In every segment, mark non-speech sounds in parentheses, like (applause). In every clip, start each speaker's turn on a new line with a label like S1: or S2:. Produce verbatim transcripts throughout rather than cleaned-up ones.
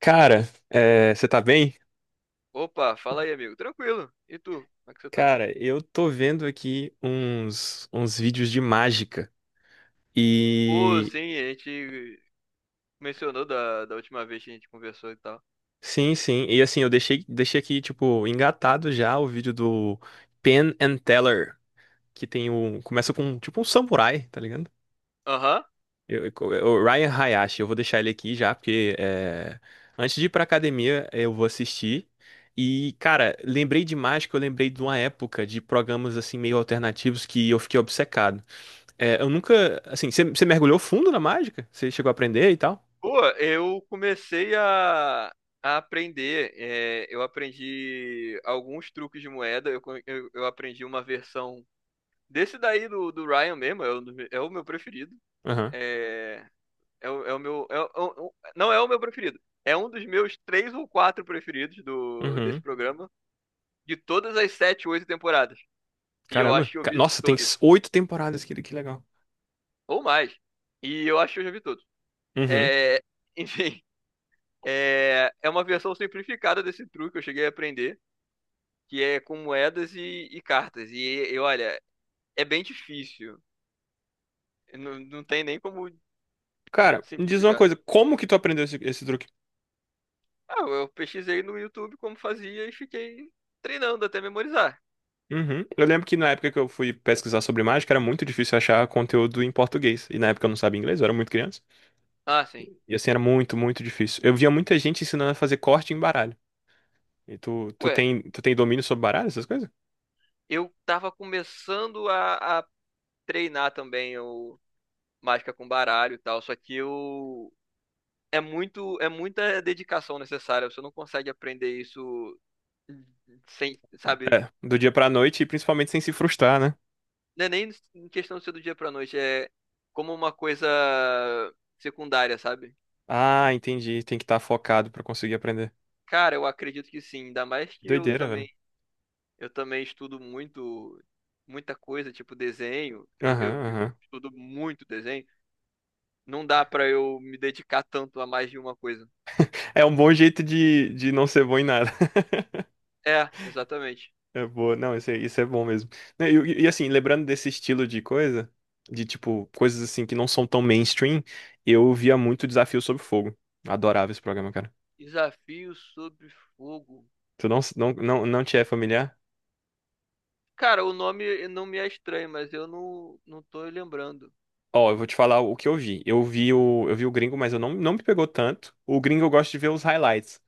S1: Cara, é, você tá bem?
S2: Opa, fala aí, amigo. Tranquilo. E tu? Como é que você tá?
S1: Cara, eu tô vendo aqui uns, uns vídeos de mágica.
S2: Pô,
S1: E
S2: sim, a gente mencionou da, da última vez que a gente conversou e tal.
S1: sim, sim. E assim, eu deixei, deixei aqui, tipo, engatado já o vídeo do Penn and Teller, que tem o Começa com tipo um samurai, tá ligado?
S2: Aham.
S1: Eu, eu- o Ryan Hayashi, eu vou deixar ele aqui já, porque é, antes de ir pra academia, eu vou assistir. E, cara, lembrei de mágica, eu lembrei de uma época de programas assim meio alternativos que eu fiquei obcecado. É, eu nunca. Assim, você você mergulhou fundo na mágica? Você chegou a aprender e tal?
S2: Pô, eu comecei a, a aprender. É, eu aprendi alguns truques de moeda. Eu, co- eu, eu aprendi uma versão desse daí do, do Ryan mesmo. É o, é o meu preferido.
S1: Aham.
S2: É, é, o, é o meu. é o- é o- não é o meu preferido. É um dos meus três ou quatro preferidos do, desse
S1: Uhum.
S2: programa, de todas as sete, oito temporadas. E eu
S1: Caramba.
S2: acho que eu
S1: Ca-
S2: vi
S1: Nossa, tem
S2: todos.
S1: s- oito temporadas, que, que legal.
S2: Ou mais. E eu acho que eu já vi todos.
S1: Uhum.
S2: É, (laughs) enfim, é, é uma versão simplificada desse truque que eu cheguei a aprender, que é com moedas e, e cartas. E, e olha, é bem difícil. Não, não tem nem como
S1: Cara, me diz uma
S2: simplificar.
S1: coisa, como que tu aprendeu esse, esse truque?
S2: Ah, eu pesquisei no YouTube como fazia e fiquei treinando até memorizar.
S1: Uhum. Eu lembro que na época que eu fui pesquisar sobre mágica, era muito difícil achar conteúdo em português. E na época eu não sabia inglês, eu era muito criança.
S2: Ah, sim.
S1: E assim, era muito, muito difícil. Eu via muita gente ensinando a fazer corte em baralho. E tu, tu
S2: Ué,
S1: tem, tu tem domínio sobre baralho, essas coisas?
S2: eu tava começando a, a treinar também o mágica com baralho e tal, só que eu é muito, é muita dedicação necessária. Você não consegue aprender isso sem, sabe?
S1: É, do dia pra noite e principalmente sem se frustrar, né?
S2: Não é nem em questão de ser do dia pra noite, é como uma coisa secundária, sabe?
S1: Ah, entendi. Tem que estar focado pra conseguir aprender.
S2: Cara, eu acredito que sim, ainda mais que eu
S1: Doideira, velho.
S2: também, eu também estudo muito, muita coisa, tipo desenho. Eu,
S1: Aham,
S2: eu, eu
S1: aham.
S2: estudo muito desenho. Não dá pra eu me dedicar tanto a mais de uma coisa.
S1: É um bom jeito de, de não ser bom em nada. (laughs)
S2: É, exatamente.
S1: É boa. Não, isso é, isso é bom mesmo. Né, E, e- e assim, lembrando desse estilo de coisa, de tipo, coisas assim que não são tão mainstream, eu via muito Desafio sobre Fogo. Adorava esse programa, cara.
S2: Desafio sobre fogo.
S1: Tu não, não, não, não te é familiar?
S2: Cara, o nome não me é estranho, mas eu não, não tô lembrando.
S1: Ó, eu vou te falar o que eu vi. Eu vi o, eu vi o gringo, mas eu não, não me pegou tanto. O gringo eu gosto de ver os highlights.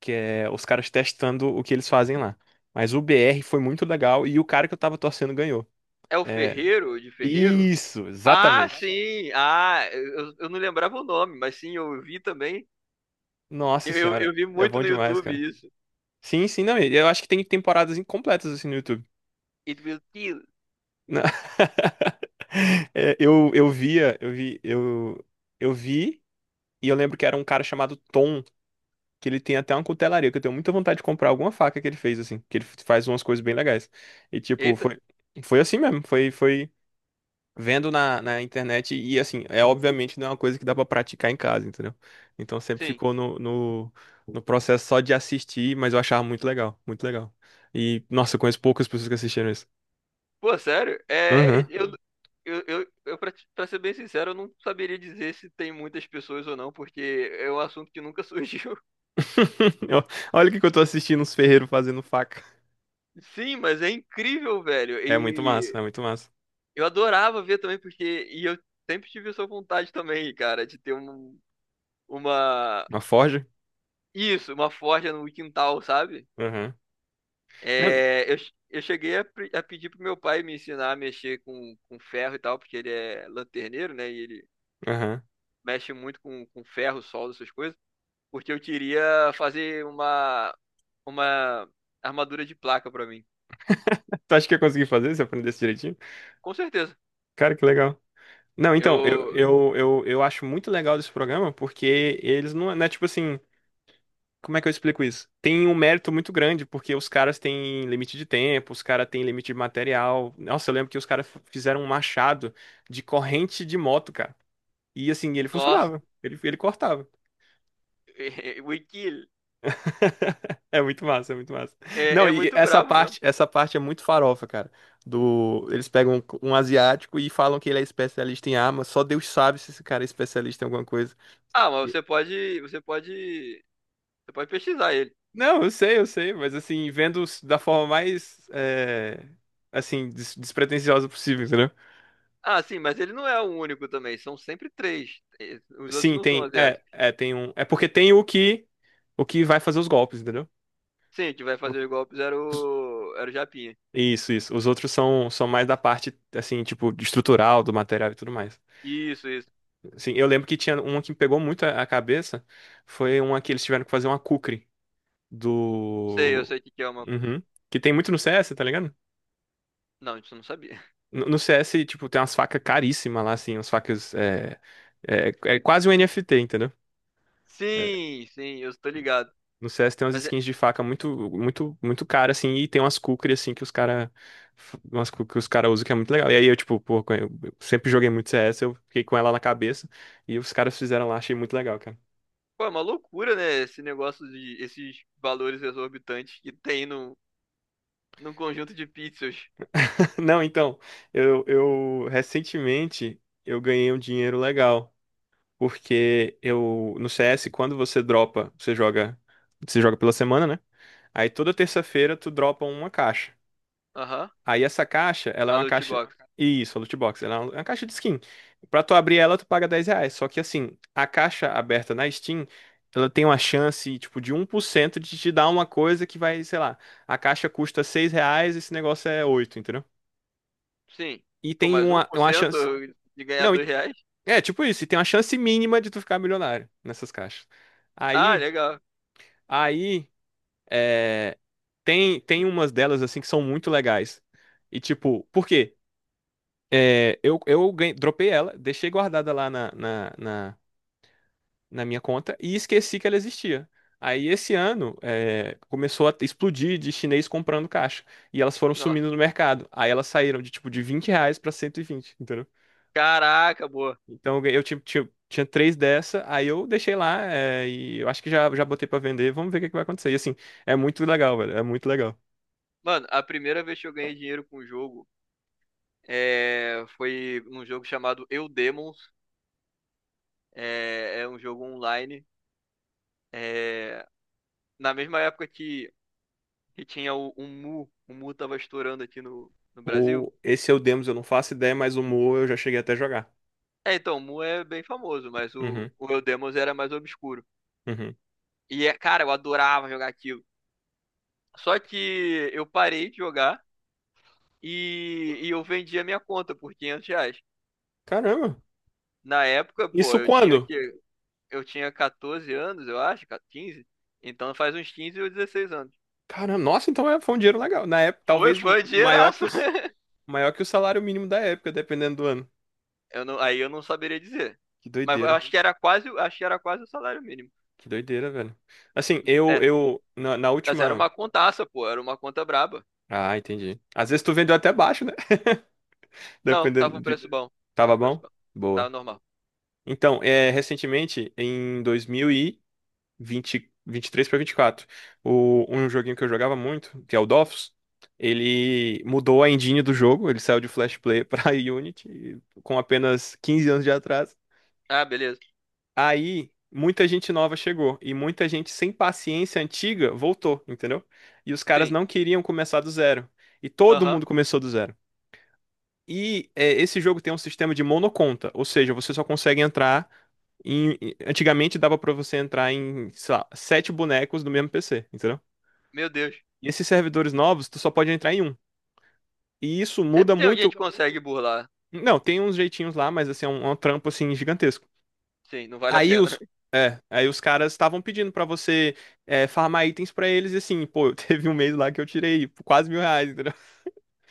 S1: Que é os caras testando o que eles fazem lá. Mas o B R foi muito legal e o cara que eu tava torcendo ganhou.
S2: É o
S1: É,
S2: Ferreiro, de Ferreiro?
S1: isso,
S2: Ah,
S1: exatamente.
S2: sim! Ah, eu, eu não lembrava o nome, mas sim, eu vi também.
S1: Nossa
S2: Eu, eu,
S1: senhora,
S2: eu vi
S1: é
S2: muito
S1: bom
S2: no
S1: demais,
S2: YouTube
S1: cara.
S2: isso.
S1: Sim, sim, não, eu acho que tem temporadas incompletas assim no YouTube.
S2: It will kill.
S1: Na- (laughs) É, eu, eu via, eu vi, eu, eu vi e eu lembro que era um cara chamado Tom, que ele tem até uma cutelaria, que eu tenho muita vontade de comprar alguma faca que ele fez assim, que ele faz umas coisas bem legais. E tipo,
S2: Eita,
S1: foi foi assim mesmo, foi foi vendo na, na internet e assim, é obviamente não é uma coisa que dá pra praticar em casa, entendeu? Então sempre
S2: sim.
S1: ficou no, no, no processo só de assistir, mas eu achava muito legal, muito legal. E, nossa, eu conheço poucas pessoas que assistiram isso.
S2: Pô, sério? É, é,
S1: Aham.
S2: eu, eu, eu, eu pra, te- pra ser bem sincero, eu não saberia dizer se tem muitas pessoas ou não, porque é um assunto que nunca surgiu. (laughs)
S1: (laughs) Eu- Olha o que que eu tô assistindo, uns ferreiros fazendo faca.
S2: Sim, mas é incrível, velho.
S1: É muito massa, é muito massa.
S2: Eu adorava ver também, porque. E eu sempre tive essa vontade também, cara, de ter um, uma.
S1: Uma forja?
S2: Isso, uma forja no quintal, sabe?
S1: Aham. Não, e-
S2: É, eu, che- eu cheguei a, pre- a pedir pro meu pai me ensinar a mexer com, com ferro e tal, porque ele é lanterneiro, né? E ele
S1: aham.
S2: mexe muito com, com ferro, solda, essas coisas. Porque eu queria fazer uma, uma armadura de placa pra mim.
S1: Tu acha que ia conseguir fazer se eu aprendesse direitinho?
S2: Com certeza.
S1: Cara, que legal. Não, então, eu,
S2: Eu.
S1: eu, eu, eu acho muito legal desse programa porque eles não, é não é tipo assim. Como é que eu explico isso? Tem um mérito muito grande, porque os caras têm limite de tempo, os caras têm limite de material. Nossa, eu lembro que os caras f- fizeram um machado de corrente de moto, cara. E assim, ele
S2: Nossa,
S1: funcionava. Ele, ele cortava.
S2: (laughs) o Ikil
S1: (laughs) É muito massa, é muito massa.
S2: é,
S1: Não,
S2: é
S1: e
S2: muito
S1: essa
S2: brabo mesmo.
S1: parte, essa parte é muito farofa, cara. Do, eles pegam um, um asiático e falam que ele é especialista em arma. Só Deus sabe se esse cara é especialista em alguma coisa.
S2: Ah, mas você pode, você pode, você pode pesquisar ele.
S1: Não, eu sei, eu sei, mas assim, vendo s- da forma mais, é, assim, des- despretensiosa possível, entendeu?
S2: Ah, sim, mas ele não é o único também, são sempre três. Eh, os outros
S1: Sim,
S2: não são
S1: tem, é,
S2: asiáticos.
S1: é, tem um, é porque tem o que, o que vai fazer os golpes, entendeu?
S2: Sim, que vai
S1: O-
S2: fazer os golpes era
S1: os-
S2: o, era o Japinha.
S1: Isso, isso. Os outros são, são mais da parte, assim, tipo, de estrutural, do material e tudo mais.
S2: Isso, isso.
S1: Assim, eu lembro que tinha uma que me pegou muito a, a cabeça, foi uma que eles tiveram que fazer uma kukri
S2: Sei, eu
S1: do...
S2: sei o que que é uma.
S1: Uhum. Que tem muito no C S, tá ligado?
S2: Não, isso eu não sabia. (laughs)
S1: No no C S, tipo, tem umas facas caríssimas lá, assim, umas facas. É, é, é quase um N F T, entendeu? É,
S2: Sim, sim, eu tô ligado.
S1: no C S tem umas
S2: Mas é,
S1: skins de faca muito, muito, muito cara, assim, e tem umas kukri, assim, que os cara. Umas kukri que os cara usam que é muito legal. E aí eu, tipo, pô, eu sempre joguei muito C S, eu fiquei com ela na cabeça, e os caras fizeram lá, achei muito legal, cara.
S2: pô, é uma loucura, né? Esse negócio de esses valores exorbitantes que tem no, num conjunto de pixels.
S1: (laughs) Não, então, eu, eu recentemente eu ganhei um dinheiro legal, porque eu, no C S, quando você dropa, você joga. Você joga pela semana, né? Aí toda terça-feira tu dropa uma caixa.
S2: Aham,
S1: Aí essa caixa, ela é
S2: a
S1: uma
S2: loot
S1: caixa.
S2: box.
S1: Isso, a loot box. Ela é uma caixa de skin. Pra tu abrir ela, tu paga dez reais. Só que assim, a caixa aberta na Steam, ela tem uma chance, tipo, de um por cento de te dar uma coisa que vai, sei lá, a caixa custa seis reais, esse negócio é oito entendeu?
S2: Sim.
S1: E
S2: Pô,
S1: tem
S2: mais um
S1: uma,
S2: por
S1: uma
S2: cento
S1: chance.
S2: de ganhar
S1: Não,
S2: dois
S1: e-
S2: reais?
S1: é tipo isso, e tem uma chance mínima de tu ficar milionário nessas caixas.
S2: Ah,
S1: Aí,
S2: legal.
S1: aí. É, Tem, tem umas delas, assim, que são muito legais. E, tipo, por quê? É, eu eu ganhei- dropei ela, deixei guardada lá na, na, na, na minha conta e esqueci que ela existia. Aí, esse ano, é, começou a explodir de chinês comprando caixa. E elas foram sumindo no mercado. Aí, elas saíram de, tipo, de vinte reais pra cento e vinte entendeu?
S2: Caraca, boa.
S1: Então, eu, ganhei- eu tinha, tinha, tinha três dessa, aí eu deixei lá, é, e eu acho que já, já botei pra vender. Vamos ver o que é que vai acontecer. E, assim, é muito legal, velho. É muito legal.
S2: Mano, a primeira vez que eu ganhei dinheiro com o jogo é, foi num jogo chamado Eu Demons. É, é um jogo online. É, na mesma época que, que tinha o, o Mu. O Mu tava estourando aqui no, no Brasil.
S1: O... Esse é o Demos, eu não faço ideia, mas o Mu eu já cheguei até a jogar.
S2: É, então, o Mu é bem famoso, mas o,
S1: Uhum,
S2: o Eu Demons era mais obscuro.
S1: uhum.
S2: E, é, cara, eu adorava jogar aquilo. Só que eu parei de jogar e, e eu vendi a minha conta por quinhentos reais.
S1: Caramba,
S2: Na época, pô,
S1: isso
S2: eu tinha o
S1: quando?
S2: quê? Eu tinha catorze anos, eu acho, quinze. Então faz uns quinze ou dezesseis anos.
S1: Caramba, nossa, então é- foi um dinheiro legal. Na época,
S2: Foi,
S1: talvez
S2: foi um
S1: maior que
S2: dinheiraço.
S1: os...
S2: (laughs)
S1: maior que o salário mínimo da época, dependendo do ano.
S2: Eu não, aí eu não saberia dizer.
S1: Que
S2: Mas eu
S1: doideira,
S2: acho que era quase, acho que era quase o salário mínimo.
S1: que doideira, velho. Assim,
S2: É,
S1: eu, eu, na, na
S2: mas era
S1: última.
S2: uma contaça, pô, era uma conta braba.
S1: Ah, entendi. Às vezes tu vendeu até baixo, né? (laughs)
S2: Não,
S1: Dependendo
S2: tava um
S1: de.
S2: preço bom.
S1: Tava
S2: Tava um preço
S1: bom?
S2: bom. Tava
S1: Boa.
S2: normal.
S1: Então, é, recentemente, em dois mil e vinte vinte e três para vinte e quatro. O, um joguinho que eu jogava muito, que é o Dofus, ele mudou a engine do jogo, ele saiu de Flash Player para (laughs) Unity com apenas quinze anos de atraso.
S2: Ah, beleza.
S1: Aí muita gente nova chegou e muita gente sem paciência antiga voltou, entendeu? E os caras
S2: Sim.
S1: não queriam começar do zero. E todo
S2: Aham.
S1: mundo começou do zero. E é, esse jogo tem um sistema de monoconta, ou seja, você só consegue entrar em. em- Antigamente dava pra você entrar em, sei lá, sete bonecos do mesmo P C, entendeu?
S2: Meu Deus.
S1: E esses servidores novos, tu só pode entrar em um. E isso
S2: Sempre
S1: muda
S2: tem alguém
S1: muito.
S2: que consegue burlar.
S1: Não, tem uns jeitinhos lá, mas assim, é um, é um trampo assim gigantesco.
S2: Sim, não vale a
S1: Aí
S2: pena.
S1: os,
S2: (laughs)
S1: aí os caras estavam pedindo pra você é, farmar itens pra eles, e assim, pô, (laughs) teve um mês lá que eu tirei quase mil reais.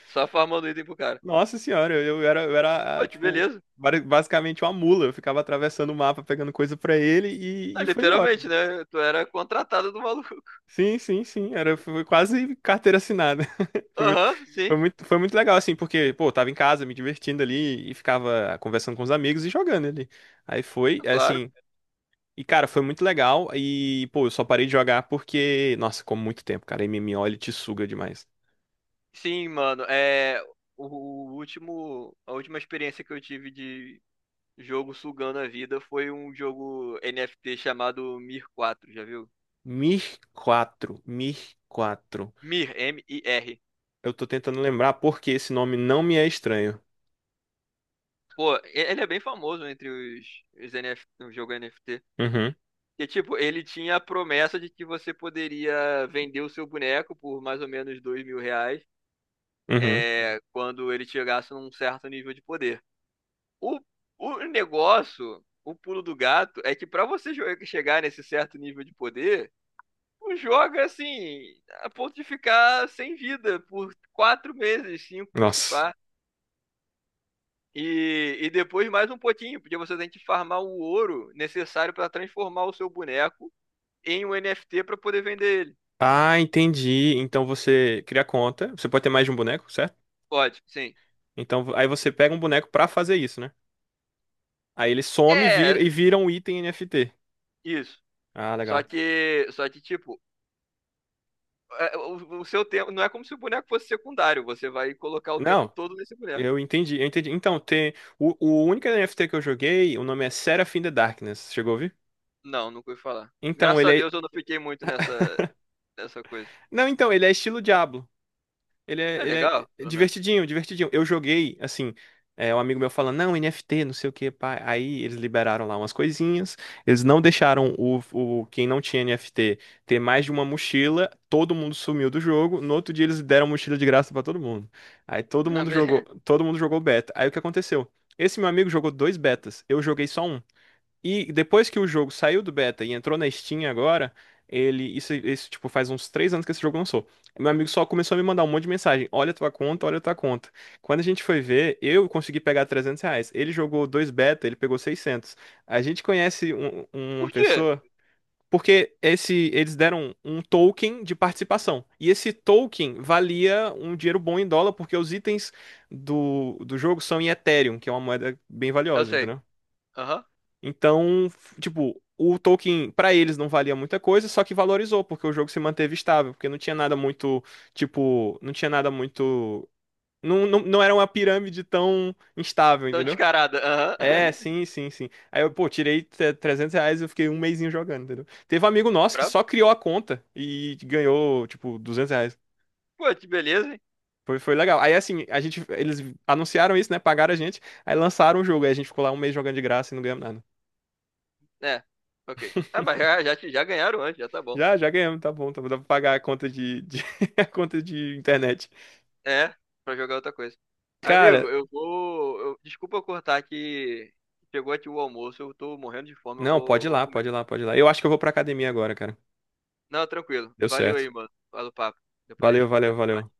S2: Só farmando item pro cara.
S1: Nossa senhora, eu, eu era, eu era,
S2: Pô,
S1: ah,
S2: que
S1: tipo,
S2: beleza.
S1: bari- basicamente uma mula. Eu ficava atravessando o mapa, pegando coisa pra ele e,
S2: Ah,
S1: e foi embora.
S2: literalmente, né? Tu era contratado do maluco.
S1: Sim, sim, sim. Era, foi quase carteira assinada. (laughs) Foi muito,
S2: Aham, sim.
S1: foi muito, foi muito legal, assim, porque, pô, eu tava em casa me divertindo ali e ficava conversando com os amigos e jogando ali. Aí foi, é,
S2: Claro.
S1: assim. E, cara, foi muito legal. E, pô, eu só parei de jogar porque, nossa, como muito tempo, cara. M M O, ele te suga demais.
S2: Sim, mano, é o, o último, a última experiência que eu tive de jogo sugando a vida foi um jogo N F T chamado Mir quatro, já viu?
S1: Mir quatro, Mir quatro.
S2: Mir, M-I-R.
S1: Eu tô tentando lembrar porque esse nome não me é estranho.
S2: Pô, e- ele é bem famoso entre os, os N F T, o jogo N F T.
S1: Uhum,
S2: E tipo, ele tinha a promessa de que você poderia vender o seu boneco por mais ou menos dois mil reais,
S1: uhum.
S2: é, quando ele chegasse num certo nível de poder. O, o negócio, o pulo do gato, é que pra você jo- chegar nesse certo nível de poder, tu joga assim, a ponto de ficar sem vida por quatro meses, cinco, se
S1: Nossa.
S2: pá. E, e depois mais um pouquinho, porque você tem que farmar o ouro necessário pra transformar o seu boneco em um N F T pra poder vender ele.
S1: Ah, entendi. Então você cria conta. Você pode ter mais de um boneco, certo?
S2: Pode, sim.
S1: Então aí você pega um boneco pra fazer isso, né? Aí ele some e
S2: É,
S1: vira, e vira um item N F T.
S2: isso.
S1: Ah,
S2: Só
S1: legal.
S2: que, só que tipo, é, o, o seu tempo não é como se o boneco fosse secundário, você vai colocar o tempo
S1: Não,
S2: todo nesse boneco.
S1: eu entendi, eu entendi. Então, tem. O, o único N F T que eu joguei, o nome é Seraphim the Darkness. Chegou a ouvir?
S2: Não, nunca ouvi falar.
S1: Então,
S2: Graças a
S1: ele é.
S2: Deus eu não fiquei muito nessa, nessa coisa.
S1: Não, então, ele é estilo Diablo. Ele
S2: É
S1: é, ele
S2: legal,
S1: é
S2: pelo menos.
S1: divertidinho, divertidinho. Eu joguei, assim, é, um amigo meu falando, não, N F T, não sei o que, pá. Aí eles liberaram lá umas coisinhas. Eles não deixaram o, o quem não tinha N F T ter mais de uma mochila. Todo mundo sumiu do jogo. No outro dia eles deram mochila de graça pra todo mundo. Aí todo
S2: (laughs) Ah,
S1: mundo jogou,
S2: beleza.
S1: todo mundo jogou beta. Aí o que aconteceu? Esse meu amigo jogou dois betas. Eu joguei só um. E depois que o jogo saiu do beta e entrou na Steam agora, ele. Isso, isso, tipo, faz uns três anos que esse jogo lançou. Meu amigo só começou a me mandar um monte de mensagem. Olha a tua conta, olha a tua conta. Quando a gente foi ver, eu consegui pegar trezentos reais. Ele jogou dois beta, ele pegou seiscentos. A gente conhece um- uma
S2: Por quê?
S1: pessoa. Porque esse, eles deram um token de participação. E esse token valia um dinheiro bom em dólar, porque os itens do, do jogo são em Ethereum, que é uma moeda bem
S2: Eu
S1: valiosa,
S2: sei.
S1: entendeu?
S2: Aham.
S1: Então, f- tipo, o Tolkien pra eles não valia muita coisa, só que valorizou, porque o jogo se manteve estável, porque não tinha nada muito, tipo, não tinha nada muito, não, não, não era uma pirâmide tão instável,
S2: Tão
S1: entendeu?
S2: descarada. Aham.
S1: É,
S2: (laughs)
S1: sim, sim, sim. Aí eu, pô, tirei tre- trezentos reais e eu fiquei um mesinho jogando, entendeu? Teve um amigo nosso que
S2: Bravo.
S1: só criou a conta e ganhou, tipo, duzentos reais.
S2: Pô, que beleza, hein?
S1: Foi, foi legal. Aí, assim, a gente, eles anunciaram isso, né? Pagaram a gente, aí lançaram o jogo. Aí a gente ficou lá um mês jogando de graça e não ganhamos nada.
S2: É. Ok. Ah, mas já, já, te- já ganharam antes, já tá bom.
S1: Já, já ganhamos, tá bom, tá bom. Dá pra pagar a conta de, de- (laughs) a conta de internet.
S2: É, pra jogar outra coisa.
S1: Cara,
S2: Amigo, eu vou. Eu- desculpa eu cortar que chegou aqui o almoço, eu tô morrendo de fome, eu
S1: não,
S2: vou,
S1: pode
S2: eu
S1: ir
S2: vou
S1: lá,
S2: comer.
S1: pode ir lá, pode ir lá. Eu acho que eu vou pra academia agora, cara.
S2: Não, tranquilo.
S1: Deu
S2: Valeu
S1: certo.
S2: aí, mano. Fala o papo. Depois a
S1: Valeu,
S2: gente
S1: valeu,
S2: conversa.
S1: valeu.